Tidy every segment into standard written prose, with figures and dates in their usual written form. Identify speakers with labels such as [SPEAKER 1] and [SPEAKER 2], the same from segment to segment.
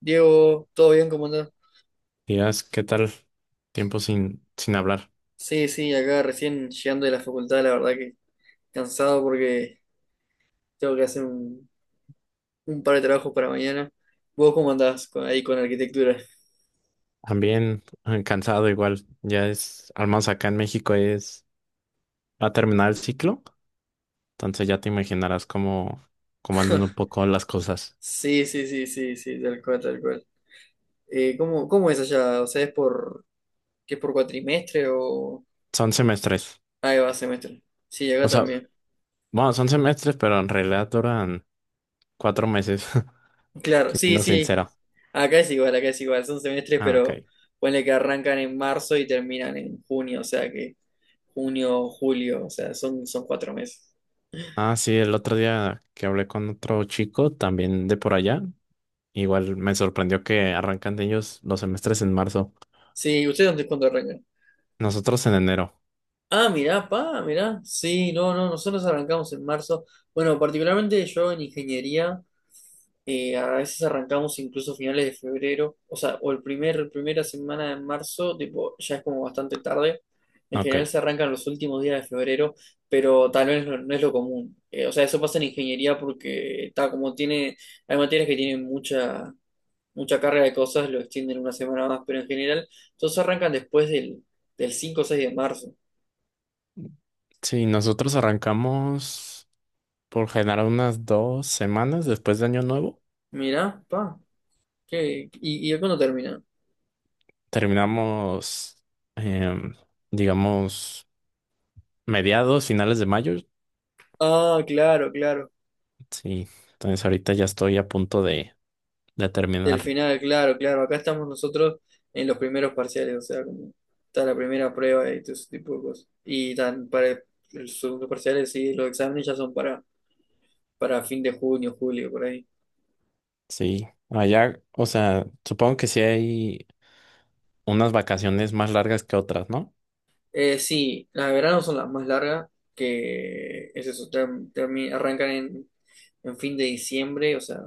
[SPEAKER 1] Diego, ¿todo bien? ¿Cómo andás?
[SPEAKER 2] Días, ¿qué tal? Tiempo sin hablar.
[SPEAKER 1] Sí, sí, acá recién llegando de la facultad, la verdad que cansado porque tengo que hacer un par de trabajos para mañana. ¿Vos cómo andás ahí con arquitectura?
[SPEAKER 2] También cansado igual. Ya es, al menos acá en México es, va a terminar el ciclo. Entonces ya te imaginarás cómo andan un poco las cosas.
[SPEAKER 1] Sí, sí, sí, sí, sí, tal cual, tal cual. ¿Cómo es allá? O sea, ¿ qué es por cuatrimestre o...?
[SPEAKER 2] Son semestres.
[SPEAKER 1] Ahí va, semestre. Sí, acá
[SPEAKER 2] O sea,
[SPEAKER 1] también.
[SPEAKER 2] bueno, son semestres, pero en realidad duran 4 meses,
[SPEAKER 1] Claro, sí,
[SPEAKER 2] siendo
[SPEAKER 1] sí,
[SPEAKER 2] sincero.
[SPEAKER 1] acá es igual, son semestres,
[SPEAKER 2] Ah,
[SPEAKER 1] pero
[SPEAKER 2] ok.
[SPEAKER 1] ponle que arrancan en marzo y terminan en junio, o sea que junio, julio, o sea, son 4 meses.
[SPEAKER 2] Ah, sí, el otro día que hablé con otro chico, también de por allá. Igual me sorprendió que arrancan de ellos los semestres en marzo.
[SPEAKER 1] Sí, ¿ustedes dónde cuándo arrancan?
[SPEAKER 2] Nosotros en enero.
[SPEAKER 1] Ah, mirá, pa, mirá. Sí, no, no, nosotros arrancamos en marzo. Bueno, particularmente yo en ingeniería. A veces arrancamos incluso finales de febrero, o sea, o el primera semana de marzo, tipo, ya es como bastante tarde. En
[SPEAKER 2] Ok.
[SPEAKER 1] general se arrancan los últimos días de febrero, pero tal vez no es lo común. O sea, eso pasa en ingeniería porque está como tiene, hay materias que tienen mucha carga de cosas, lo extienden una semana más, pero en general todos arrancan después del 5 o 6 de marzo.
[SPEAKER 2] Sí, nosotros arrancamos por generar unas 2 semanas después de Año Nuevo.
[SPEAKER 1] Mirá, pa, ¿qué? ¿Y cuándo termina?
[SPEAKER 2] Terminamos, em, digamos, mediados, finales de mayo.
[SPEAKER 1] Ah, claro, claro.
[SPEAKER 2] Sí, entonces ahorita ya estoy a punto de
[SPEAKER 1] Del
[SPEAKER 2] terminar.
[SPEAKER 1] final, claro, claro. Acá estamos nosotros en los primeros parciales, o sea, como está la primera prueba y todo ese tipo de cosas. Y tan para los segundos parciales, sí, los exámenes ya son para, fin de junio, julio, por ahí.
[SPEAKER 2] Sí, allá, o sea, supongo que sí hay unas vacaciones más largas que otras, ¿no?
[SPEAKER 1] Sí, las de verano son las más largas, que es eso, arrancan en, fin de diciembre, o sea,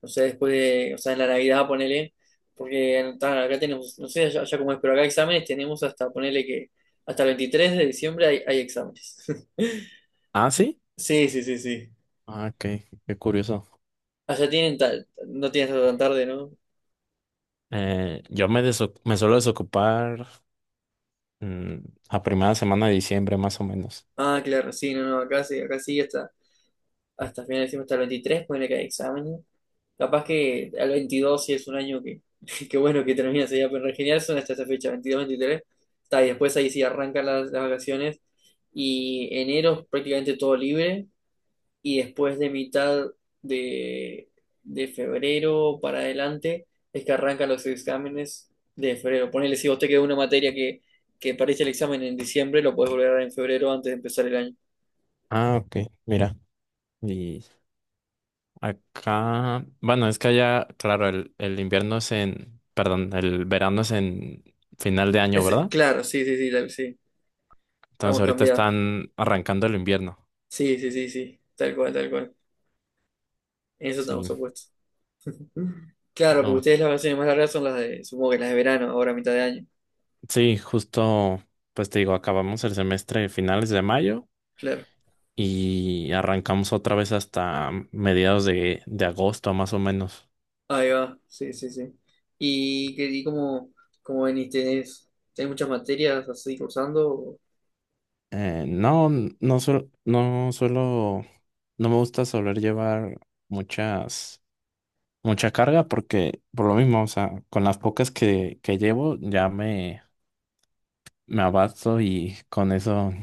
[SPEAKER 1] o sea, después de, o sea, en la Navidad, ponele, porque ta, acá tenemos, no sé allá cómo es, pero acá exámenes tenemos hasta, ponele que hasta el 23 de diciembre hay, exámenes.
[SPEAKER 2] Ah, sí.
[SPEAKER 1] Sí, sí, sí, sí.
[SPEAKER 2] Ah, qué curioso.
[SPEAKER 1] Allá tienen no tienen hasta tan tarde, ¿no?
[SPEAKER 2] Yo me suelo desocupar mm, a primera semana de diciembre, más o menos.
[SPEAKER 1] Ah, claro, sí, no, no, acá sí, hasta final de diciembre, hasta el 23, ponele que hay exámenes. Capaz que al 22 sí es un año que, que bueno, que termina sería pero en general son hasta esa fecha, 22 23. Está, y después ahí sí arrancan las, vacaciones y enero es prácticamente todo libre y después de mitad de, de febrero para adelante es que arrancan los exámenes de febrero. Ponele, si vos te quedó una materia que parece el examen en diciembre, lo podés volver a dar en febrero antes de empezar el año.
[SPEAKER 2] Ah, ok, mira. Y acá, bueno, es que allá, claro, el invierno es en, perdón, el verano es en final de año,
[SPEAKER 1] Ese,
[SPEAKER 2] ¿verdad?
[SPEAKER 1] claro, sí, sí, sí, sí,
[SPEAKER 2] Entonces
[SPEAKER 1] estamos
[SPEAKER 2] ahorita
[SPEAKER 1] cambiados.
[SPEAKER 2] están arrancando el invierno.
[SPEAKER 1] Sí, sí, sí, sí, tal cual, tal cual. En eso estamos
[SPEAKER 2] Sí,
[SPEAKER 1] opuestos. Claro, porque
[SPEAKER 2] no,
[SPEAKER 1] ustedes las vacaciones más largas son las de, supongo que las de verano, ahora a mitad de año.
[SPEAKER 2] sí, justo, pues te digo, acabamos el semestre finales de mayo
[SPEAKER 1] Claro.
[SPEAKER 2] y arrancamos otra vez hasta mediados de agosto, más o menos.
[SPEAKER 1] Ahí va, sí, sí, sí. ¿Y cómo venís? ¿Tenés muchas materias así cursando?
[SPEAKER 2] No, no suelo, no me gusta soler llevar muchas. Mucha carga porque por lo mismo, o sea, con las pocas que llevo ya me abasto y con eso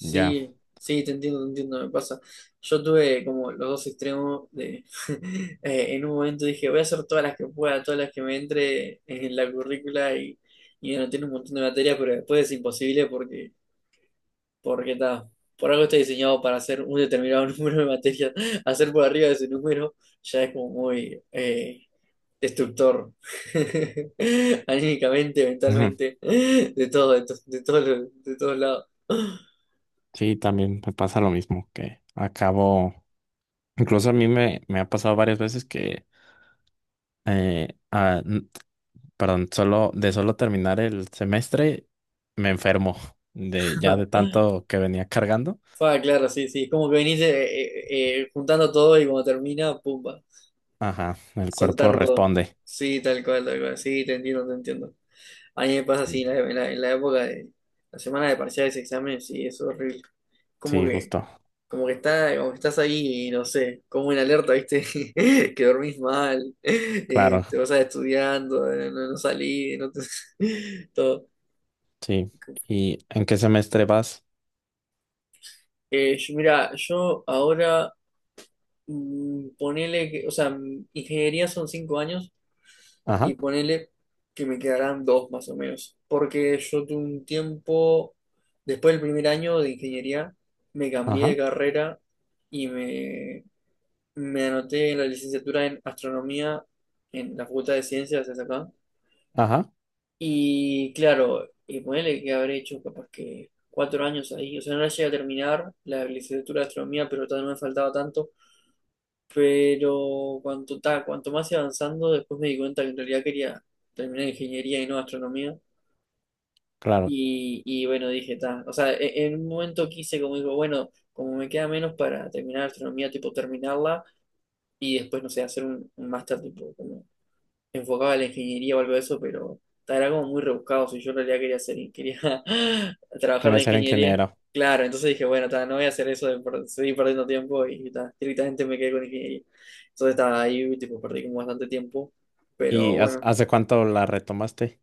[SPEAKER 2] ya.
[SPEAKER 1] sí, te entiendo, me pasa. Yo tuve como los dos extremos de... en un momento dije, voy a hacer todas las que pueda, todas las que me entre en la currícula y anoté un montón de materias, pero después es imposible porque, está por algo está diseñado para hacer un determinado número de materias. Hacer por arriba de ese número ya es como muy... destructor, anímicamente,
[SPEAKER 2] Ujú.
[SPEAKER 1] mentalmente, de todo, de, to- de todos los- de todos lados.
[SPEAKER 2] Sí, también me pasa lo mismo que acabo, incluso a mí me ha pasado varias veces que, eh, ah, n- perdón, solo de solo terminar el semestre me enfermo de ya de tanto que venía cargando.
[SPEAKER 1] Fa, claro, sí, sí, es como que venís juntando todo y cuando termina, pumba,
[SPEAKER 2] Ajá, el cuerpo
[SPEAKER 1] soltar todo.
[SPEAKER 2] responde.
[SPEAKER 1] Sí, tal cual, sí, te entiendo, te entiendo. A mí me pasa así
[SPEAKER 2] Sí,
[SPEAKER 1] en la, en la época de la semana de parciales, exámenes, sí, es horrible. Como
[SPEAKER 2] sí,
[SPEAKER 1] que
[SPEAKER 2] justo.
[SPEAKER 1] como que estás ahí, no sé, como en alerta, ¿viste? Que dormís mal,
[SPEAKER 2] Claro,
[SPEAKER 1] te vas a estudiando, no salís, no te... todo.
[SPEAKER 2] sí. ¿Y en qué semestre vas?
[SPEAKER 1] Mira, yo ahora ponele que, o sea, ingeniería son 5 años y
[SPEAKER 2] Ajá.
[SPEAKER 1] ponele que me quedarán dos más o menos. Porque yo tuve un tiempo, después del primer año de ingeniería, me cambié de
[SPEAKER 2] Ajá,
[SPEAKER 1] carrera y me anoté en la licenciatura en astronomía en la Facultad de Ciencias es acá.
[SPEAKER 2] ajá,
[SPEAKER 1] Y claro, y ponele que habré hecho capaz que 4 años ahí. O sea, no la llegué a terminar la licenciatura de astronomía, pero todavía no me faltaba tanto. Pero cuanto más iba avanzando, después me di cuenta que en realidad quería terminar ingeniería y no astronomía.
[SPEAKER 2] claro.
[SPEAKER 1] Y bueno, dije, ta. O sea, en un momento quise, como digo, bueno, como me queda menos para terminar astronomía, tipo terminarla y después, no sé, hacer un, máster, tipo, como enfocaba a la ingeniería o algo de eso, pero era como muy rebuscado. Si yo en realidad quería trabajar
[SPEAKER 2] Quería
[SPEAKER 1] de
[SPEAKER 2] ser
[SPEAKER 1] ingeniería,
[SPEAKER 2] ingeniero.
[SPEAKER 1] claro, entonces dije, bueno, ta, no voy a hacer eso de seguir perdiendo tiempo y ta, directamente me quedé con ingeniería. Entonces estaba ahí, tipo, perdí como bastante tiempo. Pero
[SPEAKER 2] ¿Y
[SPEAKER 1] bueno,
[SPEAKER 2] hace cuánto la retomaste?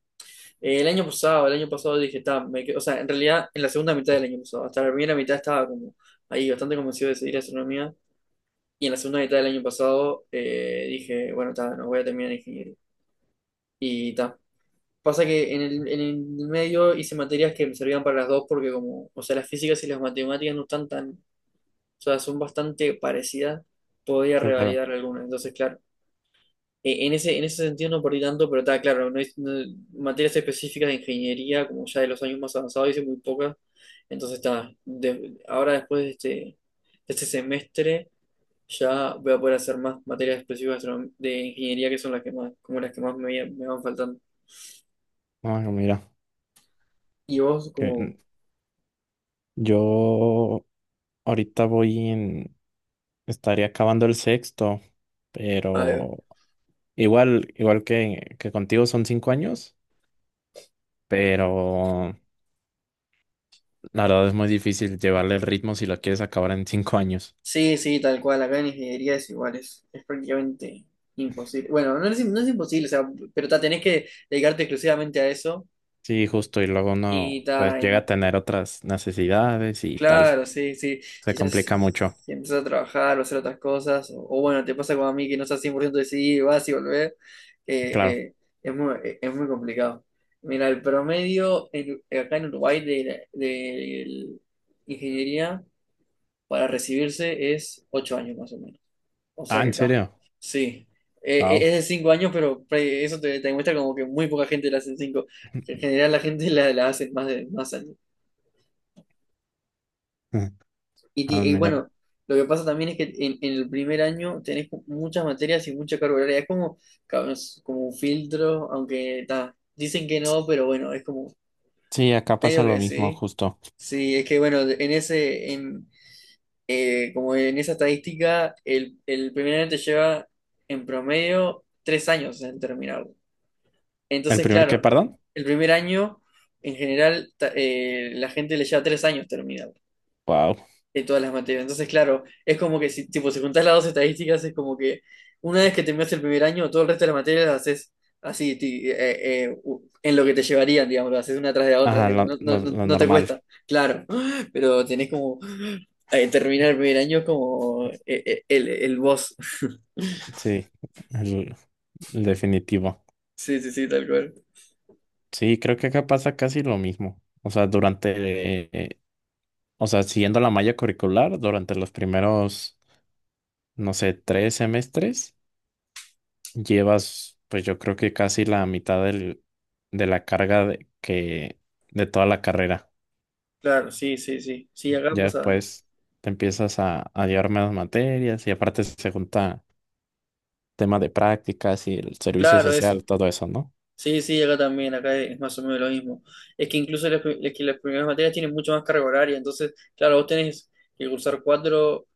[SPEAKER 1] El año pasado, el año pasado, dije, ta, o sea, en realidad en la segunda mitad del año pasado, hasta la primera mitad estaba como ahí bastante convencido de seguir astronomía. Y en la segunda mitad del año pasado dije, bueno, ta, no voy a terminar ingeniería. Y ta, Pasa que en el, medio hice materias que me servían para las dos porque como, o sea, las físicas y las matemáticas no están tan, o sea, son bastante parecidas, podía
[SPEAKER 2] Claro.
[SPEAKER 1] revalidar algunas. Entonces, claro, en ese, sentido no perdí tanto, pero está claro, materias específicas de ingeniería, como ya de los años más avanzados, hice muy pocas. Entonces, está, ahora después de este semestre ya voy a poder hacer más materias específicas de de ingeniería que son las que más, como las que más me van faltando.
[SPEAKER 2] Ah, mira,
[SPEAKER 1] ¿Y vos,
[SPEAKER 2] que
[SPEAKER 1] como...
[SPEAKER 2] yo ahorita voy en, estaría acabando el sexto, pero igual que contigo son 5 años, pero la verdad es muy difícil llevarle el ritmo si lo quieres acabar en 5 años.
[SPEAKER 1] Sí, sí, tal cual. Acá en ingeniería es igual, es, prácticamente imposible. Bueno, no es imposible, o sea, pero ta, tenés que dedicarte exclusivamente a eso.
[SPEAKER 2] Sí, justo, y luego
[SPEAKER 1] Y
[SPEAKER 2] uno pues
[SPEAKER 1] ta,
[SPEAKER 2] llega a tener otras necesidades y tal.
[SPEAKER 1] claro, sí, sí.
[SPEAKER 2] Se
[SPEAKER 1] Si ya
[SPEAKER 2] complica mucho.
[SPEAKER 1] si empezás a trabajar o hacer otras cosas, o, bueno, te pasa como a mí que no estás 100% decidido, vas y volvés, eh,
[SPEAKER 2] Claro.
[SPEAKER 1] eh, es muy complicado. Mira, el promedio acá en Uruguay de ingeniería para recibirse es 8 años más o menos. O sea
[SPEAKER 2] Ah,
[SPEAKER 1] que
[SPEAKER 2] ¿en
[SPEAKER 1] está.
[SPEAKER 2] serio?
[SPEAKER 1] Sí. Eh, eh,
[SPEAKER 2] Wow.
[SPEAKER 1] es de 5 años, pero eso te, demuestra como que muy poca gente la hace en cinco. En general la gente la hace más de más años. Y,
[SPEAKER 2] Ah,
[SPEAKER 1] ti- y
[SPEAKER 2] mira.
[SPEAKER 1] bueno, lo que pasa también es que en el primer año tenés muchas materias y mucha carga horaria. Es como un filtro, aunque ta, dicen que no, pero bueno, es como
[SPEAKER 2] Sí, acá pasa
[SPEAKER 1] medio
[SPEAKER 2] lo
[SPEAKER 1] que
[SPEAKER 2] mismo,
[SPEAKER 1] sí.
[SPEAKER 2] justo.
[SPEAKER 1] Sí, es que bueno, como en esa estadística, el primer año te lleva en promedio 3 años en terminar.
[SPEAKER 2] ¿El
[SPEAKER 1] Entonces,
[SPEAKER 2] primer qué,
[SPEAKER 1] claro,
[SPEAKER 2] perdón?
[SPEAKER 1] el primer año, en general, la gente le lleva 3 años terminar
[SPEAKER 2] Wow.
[SPEAKER 1] de todas las materias. Entonces, claro, es como que si, tipo, si juntás las dos estadísticas, es como que una vez que terminas el primer año, todo el resto de las materias las haces así, en lo que te llevarían, digamos, las haces una tras de la otra,
[SPEAKER 2] Ajá,
[SPEAKER 1] tipo,
[SPEAKER 2] lo,
[SPEAKER 1] no, no-
[SPEAKER 2] lo-
[SPEAKER 1] no-
[SPEAKER 2] lo
[SPEAKER 1] no te
[SPEAKER 2] normal.
[SPEAKER 1] cuesta, claro, pero tenés como terminar el primer año es como el boss.
[SPEAKER 2] Sí, el, el definitivo.
[SPEAKER 1] Sí, sí, sí, tal cual.
[SPEAKER 2] Sí, creo que acá pasa casi lo mismo. O sea, durante, eh, o sea, siguiendo la malla curricular, durante los primeros, no sé, 3 semestres, llevas, pues yo creo que casi la mitad de la carga de toda la carrera.
[SPEAKER 1] Claro, sí, sí, sí. Sí, acá
[SPEAKER 2] Ya
[SPEAKER 1] pasa.
[SPEAKER 2] después te empiezas a llevar menos materias y aparte se junta tema de prácticas y el servicio
[SPEAKER 1] Claro,
[SPEAKER 2] social,
[SPEAKER 1] eso.
[SPEAKER 2] todo eso, ¿no?
[SPEAKER 1] Sí, sí, acá también, acá es más o menos lo mismo. Es que incluso las primeras materias tienen mucho más carga horaria, entonces, claro, vos tenés que cursar cuatro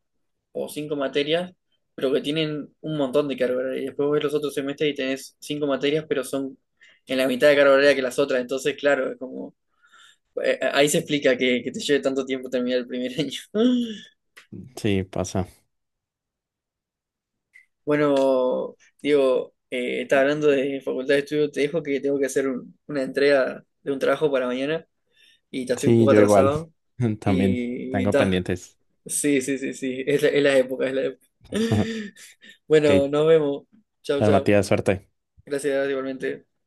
[SPEAKER 1] o cinco materias, pero que tienen un montón de carga horaria. Y después ves los otros semestres y tenés cinco materias, pero son en la mitad de carga horaria que las otras, entonces, claro, es como... Ahí se explica que, te lleve tanto tiempo terminar el primer año.
[SPEAKER 2] Sí, pasa.
[SPEAKER 1] Bueno, Diego, está hablando de facultad de estudio, te dejo que tengo que hacer una entrega de un trabajo para mañana. Y ya estoy un
[SPEAKER 2] Sí,
[SPEAKER 1] poco
[SPEAKER 2] yo igual.
[SPEAKER 1] atrasado.
[SPEAKER 2] También
[SPEAKER 1] Y
[SPEAKER 2] tengo
[SPEAKER 1] ta.
[SPEAKER 2] pendientes.
[SPEAKER 1] Sí, sí, sí, sí. Es la época, es la época.
[SPEAKER 2] Ok,
[SPEAKER 1] Bueno, nos vemos. Chao,
[SPEAKER 2] pues,
[SPEAKER 1] chao.
[SPEAKER 2] Matías, suerte.
[SPEAKER 1] Gracias, igualmente.